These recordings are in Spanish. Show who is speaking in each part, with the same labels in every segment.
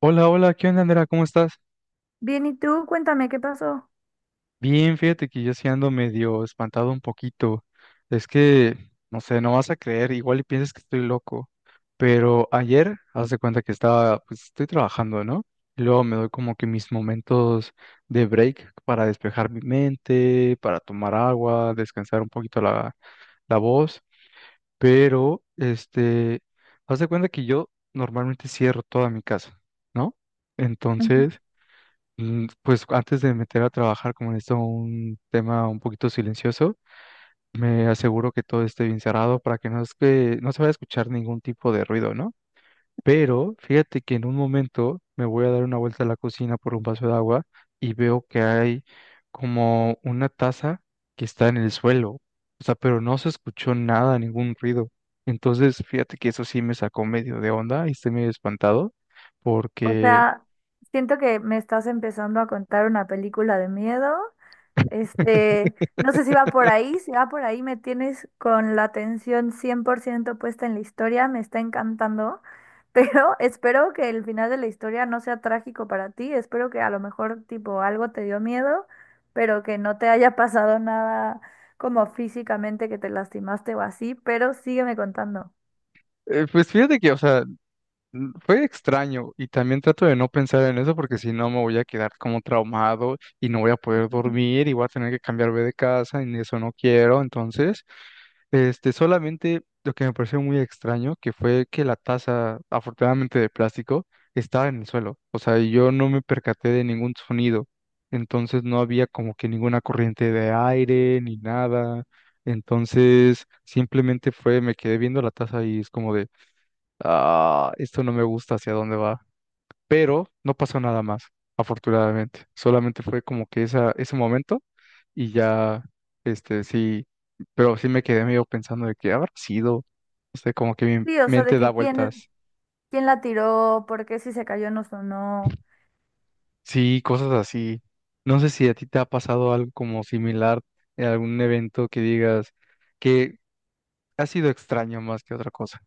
Speaker 1: Hola, hola, ¿qué onda, Andrea? ¿Cómo estás?
Speaker 2: Bien, ¿y tú? Cuéntame qué pasó.
Speaker 1: Bien, fíjate que yo sí ando medio espantado un poquito. Es que, no sé, no vas a creer, igual y piensas que estoy loco. Pero ayer, haz de cuenta que pues estoy trabajando, ¿no? Y luego me doy como que mis momentos de break para despejar mi mente, para tomar agua, descansar un poquito la voz. Pero, este, haz de cuenta que yo normalmente cierro toda mi casa, ¿no? Entonces... Pues antes de meter a trabajar, como en esto un tema un poquito silencioso, me aseguro que todo esté bien cerrado para que no es que no se vaya a escuchar ningún tipo de ruido, ¿no? Pero fíjate que en un momento me voy a dar una vuelta a la cocina por un vaso de agua y veo que hay como una taza que está en el suelo. O sea, pero no se escuchó nada, ningún ruido. Entonces, fíjate que eso sí me sacó medio de onda y estoy medio espantado
Speaker 2: O
Speaker 1: porque
Speaker 2: sea, siento que me estás empezando a contar una película de miedo. Este, no sé si va por ahí, si va por ahí me tienes con la atención 100% puesta en la historia, me está encantando, pero espero que el final de la historia no sea trágico para ti, espero que a lo mejor tipo algo te dio miedo, pero que no te haya pasado nada como físicamente que te lastimaste o así, pero sígueme contando.
Speaker 1: pues fíjate que, o sea, fue extraño y también trato de no pensar en eso porque si no me voy a quedar como traumado y no voy a poder dormir y voy a tener que cambiarme de casa y eso no quiero. Entonces, este, solamente lo que me pareció muy extraño que fue que la taza, afortunadamente de plástico, estaba en el suelo. O sea, yo no me percaté de ningún sonido. Entonces no había como que ninguna corriente de aire ni nada. Entonces, simplemente fue, me quedé viendo la taza y es como de ah, esto no me gusta hacia dónde va. Pero no pasó nada más, afortunadamente. Solamente fue como que ese momento y ya, este, sí, pero sí me quedé medio pensando de que habrá sido, no sé, como que mi
Speaker 2: Sí, o sea, de
Speaker 1: mente da
Speaker 2: que quién,
Speaker 1: vueltas.
Speaker 2: ¿quién la tiró? ¿Por qué si se cayó no sonó?
Speaker 1: Sí, cosas así. No sé si a ti te ha pasado algo como similar en algún evento que digas que ha sido extraño más que otra cosa.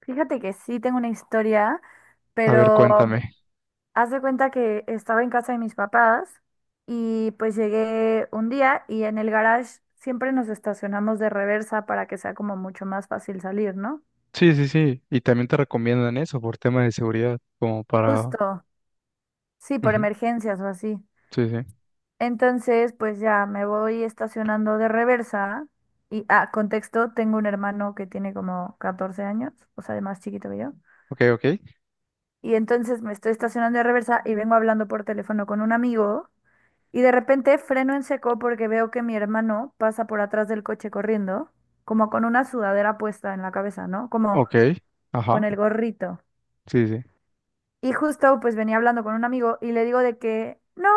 Speaker 2: Fíjate que sí tengo una historia,
Speaker 1: A ver,
Speaker 2: pero
Speaker 1: cuéntame.
Speaker 2: haz de cuenta que estaba en casa de mis papás y pues llegué un día y en el garage siempre nos estacionamos de reversa para que sea como mucho más fácil salir, ¿no?
Speaker 1: Sí, sí, sí. Y también te recomiendan eso por tema de seguridad, como para...
Speaker 2: Justo, sí, por
Speaker 1: Ujú.
Speaker 2: emergencias o así.
Speaker 1: Sí, sí.
Speaker 2: Entonces, pues ya me voy estacionando de reversa y, ah, contexto, tengo un hermano que tiene como 14 años, o sea, de más chiquito que yo.
Speaker 1: Ok, ok.
Speaker 2: Y entonces me estoy estacionando de reversa y vengo hablando por teléfono con un amigo. Y de repente freno en seco porque veo que mi hermano pasa por atrás del coche corriendo, como con una sudadera puesta en la cabeza, ¿no? Como
Speaker 1: Ok.
Speaker 2: con
Speaker 1: Ajá.
Speaker 2: el gorrito.
Speaker 1: Sí, sí.
Speaker 2: Y justo pues venía hablando con un amigo y le digo de que, no,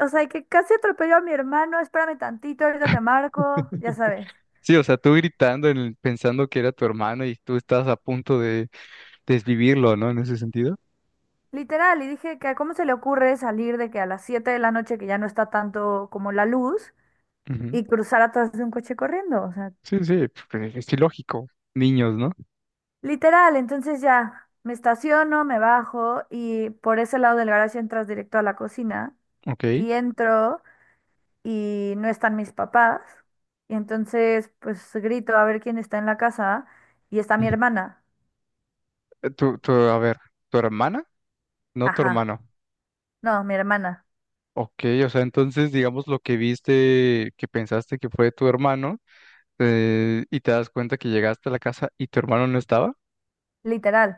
Speaker 2: o sea, que casi atropelló a mi hermano, espérame tantito, ahorita te marco, ya sabes.
Speaker 1: Sí, o sea, tú gritando, pensando que era tu hermano y tú estás a punto de desvivirlo, ¿no? En ese sentido.
Speaker 2: Literal, y dije que cómo se le ocurre salir de que a las 7 de la noche que ya no está tanto como la luz
Speaker 1: Ujú.
Speaker 2: y cruzar atrás de un coche corriendo, o sea,
Speaker 1: Sí, sí, porque es ilógico. Niños, ¿no?
Speaker 2: literal, entonces ya me estaciono, me bajo y por ese lado del garaje entras directo a la cocina
Speaker 1: Ok.
Speaker 2: y entro y no están mis papás y entonces pues grito a ver quién está en la casa y está mi
Speaker 1: Ujú.
Speaker 2: hermana.
Speaker 1: A ver, ¿tu hermana? No tu
Speaker 2: Ajá,
Speaker 1: hermano.
Speaker 2: no, mi hermana,
Speaker 1: Ok, o sea, entonces, digamos, lo que viste, que pensaste que fue tu hermano, y te das cuenta que llegaste a la casa y tu hermano no estaba.
Speaker 2: literal.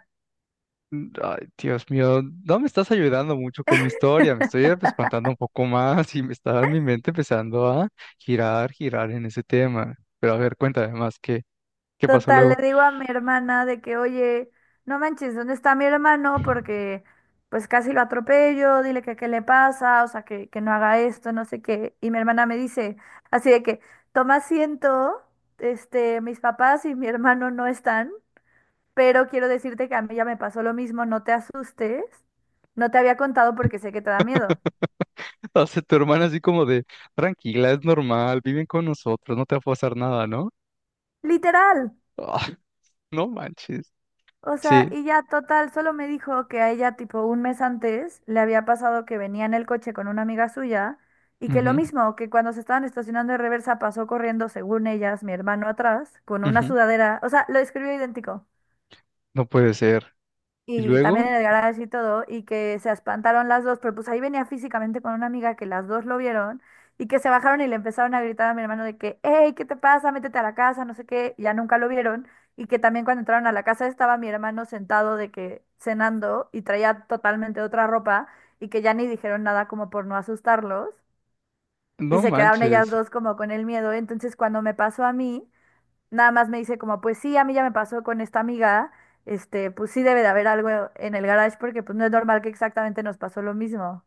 Speaker 1: Ay, Dios mío, no me estás ayudando mucho con mi historia, me estoy espantando un poco más y me está mi mente empezando a girar, girar en ese tema. Pero a ver, cuéntame más, ¿qué pasó
Speaker 2: Total, le
Speaker 1: luego?
Speaker 2: digo a mi hermana de que, oye, no manches, ¿dónde está mi hermano? Porque pues casi lo atropello, dile que qué le pasa, o sea, que no haga esto, no sé qué. Y mi hermana me dice, así de que, toma asiento, este, mis papás y mi hermano no están, pero quiero decirte que a mí ya me pasó lo mismo, no te asustes, no te había contado porque sé que te da miedo.
Speaker 1: O sea, tu hermana así como de, tranquila, es normal, viven con nosotros, no te va a pasar nada, ¿no?
Speaker 2: Literal.
Speaker 1: Ah, no manches.
Speaker 2: O sea,
Speaker 1: Sí,
Speaker 2: y ya total, solo me dijo que a ella tipo un mes antes le había pasado que venía en el coche con una amiga suya y que lo
Speaker 1: ujú,
Speaker 2: mismo, que cuando se estaban estacionando de reversa pasó corriendo, según ellas, mi hermano atrás, con una
Speaker 1: ujú,
Speaker 2: sudadera, o sea, lo describió idéntico
Speaker 1: no puede ser. Y
Speaker 2: y también
Speaker 1: luego,
Speaker 2: en el garage y todo, y que se espantaron las dos, pero pues ahí venía físicamente con una amiga que las dos lo vieron y que se bajaron y le empezaron a gritar a mi hermano de que, hey, ¿qué te pasa? Métete a la casa, no sé qué, ya nunca lo vieron, y que también cuando entraron a la casa estaba mi hermano sentado de que cenando y traía totalmente otra ropa y que ya ni dijeron nada como por no asustarlos. Y
Speaker 1: no
Speaker 2: se quedaron ellas
Speaker 1: manches.
Speaker 2: dos como con el miedo. Entonces, cuando me pasó a mí, nada más me dice como, pues sí, a mí ya me pasó con esta amiga, este, pues sí debe de haber algo en el garage porque pues no es normal que exactamente nos pasó lo mismo.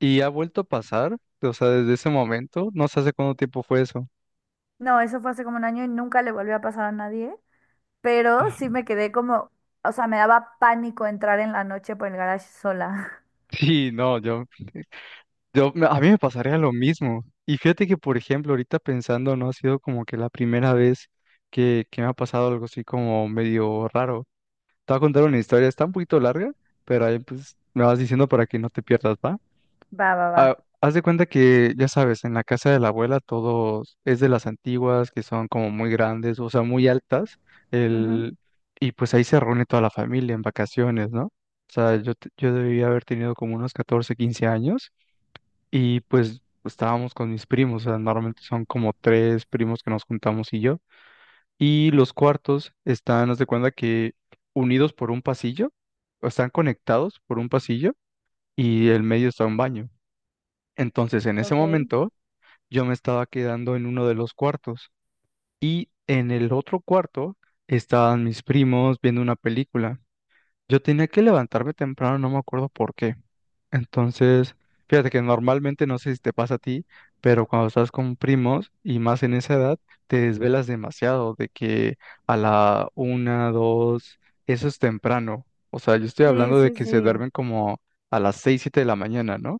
Speaker 1: ¿Y ha vuelto a pasar? O sea, desde ese momento, no sé hace cuánto tiempo fue eso.
Speaker 2: No, eso fue hace como un año y nunca le volvió a pasar a nadie, pero
Speaker 1: Ah,
Speaker 2: sí me quedé como, o sea, me daba pánico entrar en la noche por el garage sola.
Speaker 1: Sí, no, a mí me pasaría lo mismo. Y fíjate que, por ejemplo, ahorita pensando, no ha sido como que la primera vez que me ha pasado algo así como medio raro. Te voy a contar una historia, está un poquito larga, pero ahí pues me vas diciendo para que no te pierdas, ¿va?
Speaker 2: Va, va, va.
Speaker 1: Ah, haz de cuenta que, ya sabes, en la casa de la abuela todo es de las antiguas, que son como muy grandes, o sea, muy altas,
Speaker 2: Ujú,
Speaker 1: el... y pues ahí se reúne toda la familia en vacaciones, ¿no? O sea, yo debía haber tenido como unos 14 15 años. Y pues estábamos con mis primos, o sea, normalmente son como tres primos que nos juntamos y yo. Y los cuartos están, haz de cuenta que unidos por un pasillo, o están conectados por un pasillo y el medio está un baño. Entonces, en ese
Speaker 2: ok.
Speaker 1: momento, yo me estaba quedando en uno de los cuartos y en el otro cuarto estaban mis primos viendo una película. Yo tenía que levantarme temprano, no me acuerdo por qué. Entonces, fíjate que normalmente, no sé si te pasa a ti, pero cuando estás con primos y más en esa edad, te desvelas demasiado de que a la una, dos, eso es temprano. O sea, yo estoy
Speaker 2: Sí,
Speaker 1: hablando de
Speaker 2: sí,
Speaker 1: que se
Speaker 2: sí.
Speaker 1: duermen como a las seis, siete de la mañana, ¿no?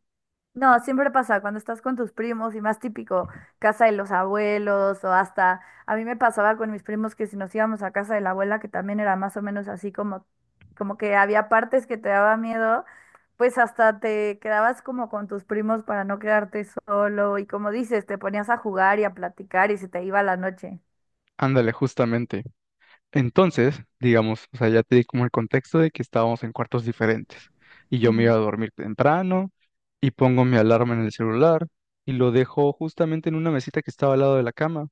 Speaker 2: No, siempre pasa cuando estás con tus primos y más típico, casa de los abuelos o hasta, a mí me pasaba con mis primos que si nos íbamos a casa de la abuela, que también era más o menos así como, como que había partes que te daba miedo, pues hasta te quedabas como con tus primos para no quedarte solo y como dices, te ponías a jugar y a platicar y se te iba la noche.
Speaker 1: Ándale, justamente. Entonces, digamos, o sea, ya te di como el contexto de que estábamos en cuartos diferentes y yo me
Speaker 2: Ujú,
Speaker 1: iba a dormir temprano y pongo mi alarma en el celular y lo dejo justamente en una mesita que estaba al lado de la cama.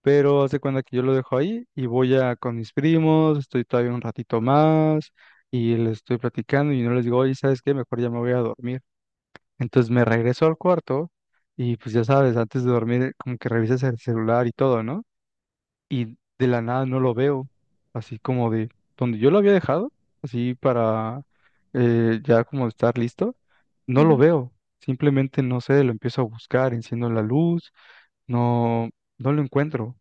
Speaker 1: Pero haz de cuenta que yo lo dejo ahí y voy a con mis primos, estoy todavía un ratito más y les estoy platicando y no les digo, oye, ¿sabes qué? Mejor ya me voy a dormir. Entonces me regreso al cuarto y pues ya sabes, antes de dormir como que revisas el celular y todo, ¿no? Y de la nada no lo veo, así como de donde yo lo había dejado, así para ya como estar listo, no lo
Speaker 2: ujú.
Speaker 1: veo. Simplemente no sé, lo empiezo a buscar, enciendo la luz, no, no lo encuentro.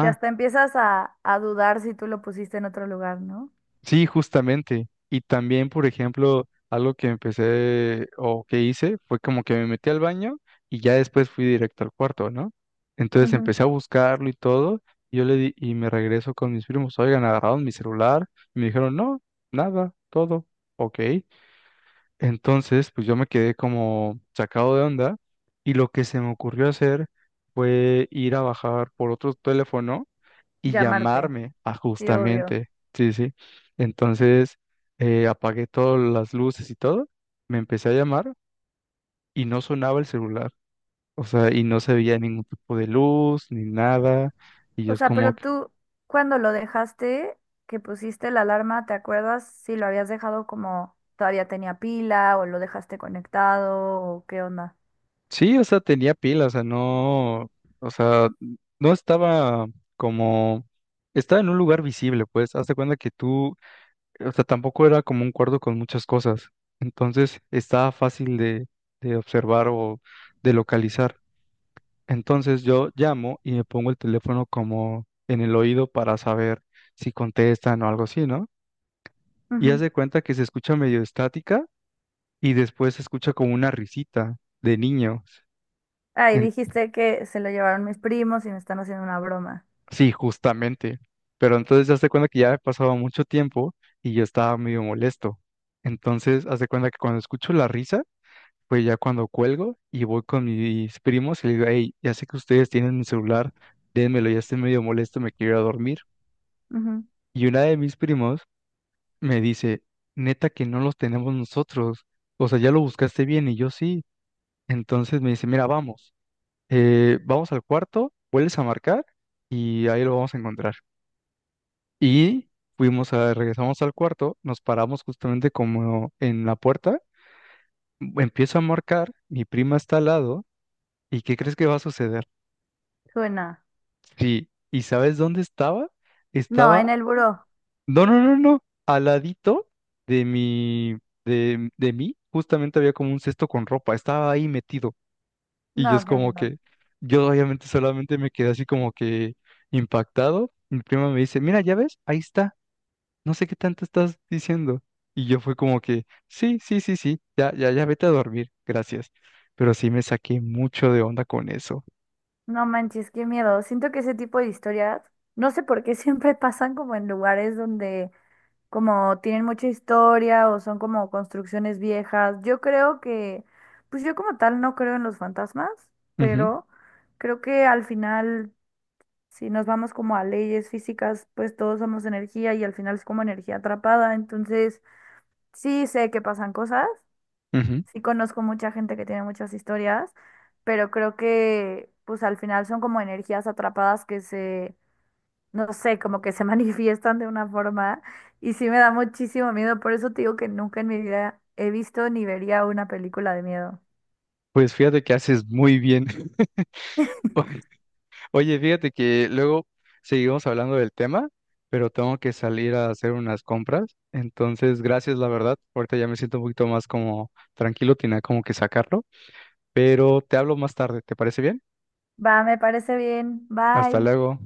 Speaker 2: Que hasta empiezas a dudar si tú lo pusiste en otro lugar, ¿no?
Speaker 1: Sí, justamente. Y también, por ejemplo, algo que empecé o que hice fue como que me metí al baño y ya después fui directo al cuarto, ¿no? Entonces
Speaker 2: Ujú.
Speaker 1: empecé a buscarlo y todo. Y yo le di y me regreso con mis primos. Oigan, agarraron mi celular. Y me dijeron, no, nada, todo. Ok. Entonces, pues yo me quedé como sacado de onda. Y lo que se me ocurrió hacer fue ir a bajar por otro teléfono y
Speaker 2: Llamarte,
Speaker 1: llamarme a
Speaker 2: sí, obvio.
Speaker 1: justamente, sí, sí. Entonces apagué todas las luces y todo, me empecé a llamar y no sonaba el celular, o sea, y no se veía ningún tipo de luz ni nada, y yo
Speaker 2: O
Speaker 1: es
Speaker 2: sea,
Speaker 1: como
Speaker 2: pero
Speaker 1: que,
Speaker 2: tú, cuando lo dejaste, que pusiste la alarma, ¿te acuerdas si lo habías dejado como todavía tenía pila o lo dejaste conectado o qué onda?
Speaker 1: sí, o sea, tenía pila, o sea, no estaba como... Estaba en un lugar visible, pues, hazte cuenta que tú, o sea, tampoco era como un cuarto con muchas cosas, entonces estaba fácil de observar o de localizar. Entonces yo llamo y me pongo el teléfono como en el oído para saber si contestan o algo así, ¿no? Y haz
Speaker 2: Ujú.
Speaker 1: de cuenta que se escucha medio estática y después se escucha como una risita de niños.
Speaker 2: Ah, y
Speaker 1: En-
Speaker 2: dijiste que se lo llevaron mis primos y me están haciendo una broma.
Speaker 1: Sí, justamente. Pero entonces haz de cuenta que ya ha pasado mucho tiempo y yo estaba medio molesto. Entonces haz de cuenta que cuando escucho la risa, pues ya cuando cuelgo y voy con mis primos y les digo, hey, ya sé que ustedes tienen mi celular, dénmelo, ya estoy medio molesto, me quiero ir a dormir.
Speaker 2: Ujú.
Speaker 1: Y una de mis primos me dice, neta que no los tenemos nosotros. O sea, ya lo buscaste bien y yo sí. Entonces me dice, mira, vamos, vamos al cuarto, vuelves a marcar y ahí lo vamos a encontrar. Y regresamos al cuarto, nos paramos justamente como en la puerta, empiezo a marcar, mi prima está al lado, ¿y qué crees que va a suceder?
Speaker 2: Suena.
Speaker 1: Sí, ¿y sabes dónde estaba?
Speaker 2: No, en
Speaker 1: Estaba...
Speaker 2: el buró.
Speaker 1: No, no, no, no. Al ladito de mi, de mí, justamente había como un cesto con ropa. Estaba ahí metido. Y yo
Speaker 2: No,
Speaker 1: es
Speaker 2: qué
Speaker 1: como
Speaker 2: miedo.
Speaker 1: que, yo obviamente solamente me quedé así como que impactado. Mi prima me dice, mira, ya ves, ahí está. No sé qué tanto estás diciendo. Y yo fue como que, sí, sí, sí, sí, ya, ya, ya vete a dormir, gracias. Pero sí me saqué mucho de onda con eso.
Speaker 2: No manches, qué miedo. Siento que ese tipo de historias, no sé por qué siempre pasan como en lugares donde como tienen mucha historia o son como construcciones viejas. Yo creo que, pues yo como tal no creo en los fantasmas,
Speaker 1: Ujú,
Speaker 2: pero creo que al final, si nos vamos como a leyes físicas, pues todos somos energía y al final es como energía atrapada. Entonces, sí sé que pasan cosas,
Speaker 1: ujú.
Speaker 2: sí conozco mucha gente que tiene muchas historias, pero creo que, pues al final son como energías atrapadas que se no sé, como que se manifiestan de una forma y sí me da muchísimo miedo, por eso te digo que nunca en mi vida he visto ni vería una película de miedo.
Speaker 1: Pues fíjate que haces muy bien. Oye, fíjate que luego seguimos hablando del tema, pero tengo que salir a hacer unas compras. Entonces, gracias, la verdad. Ahorita ya me siento un poquito más como tranquilo, tenía como que sacarlo. Pero te hablo más tarde, ¿te parece bien?
Speaker 2: Va, me parece bien.
Speaker 1: Hasta
Speaker 2: Bye.
Speaker 1: luego.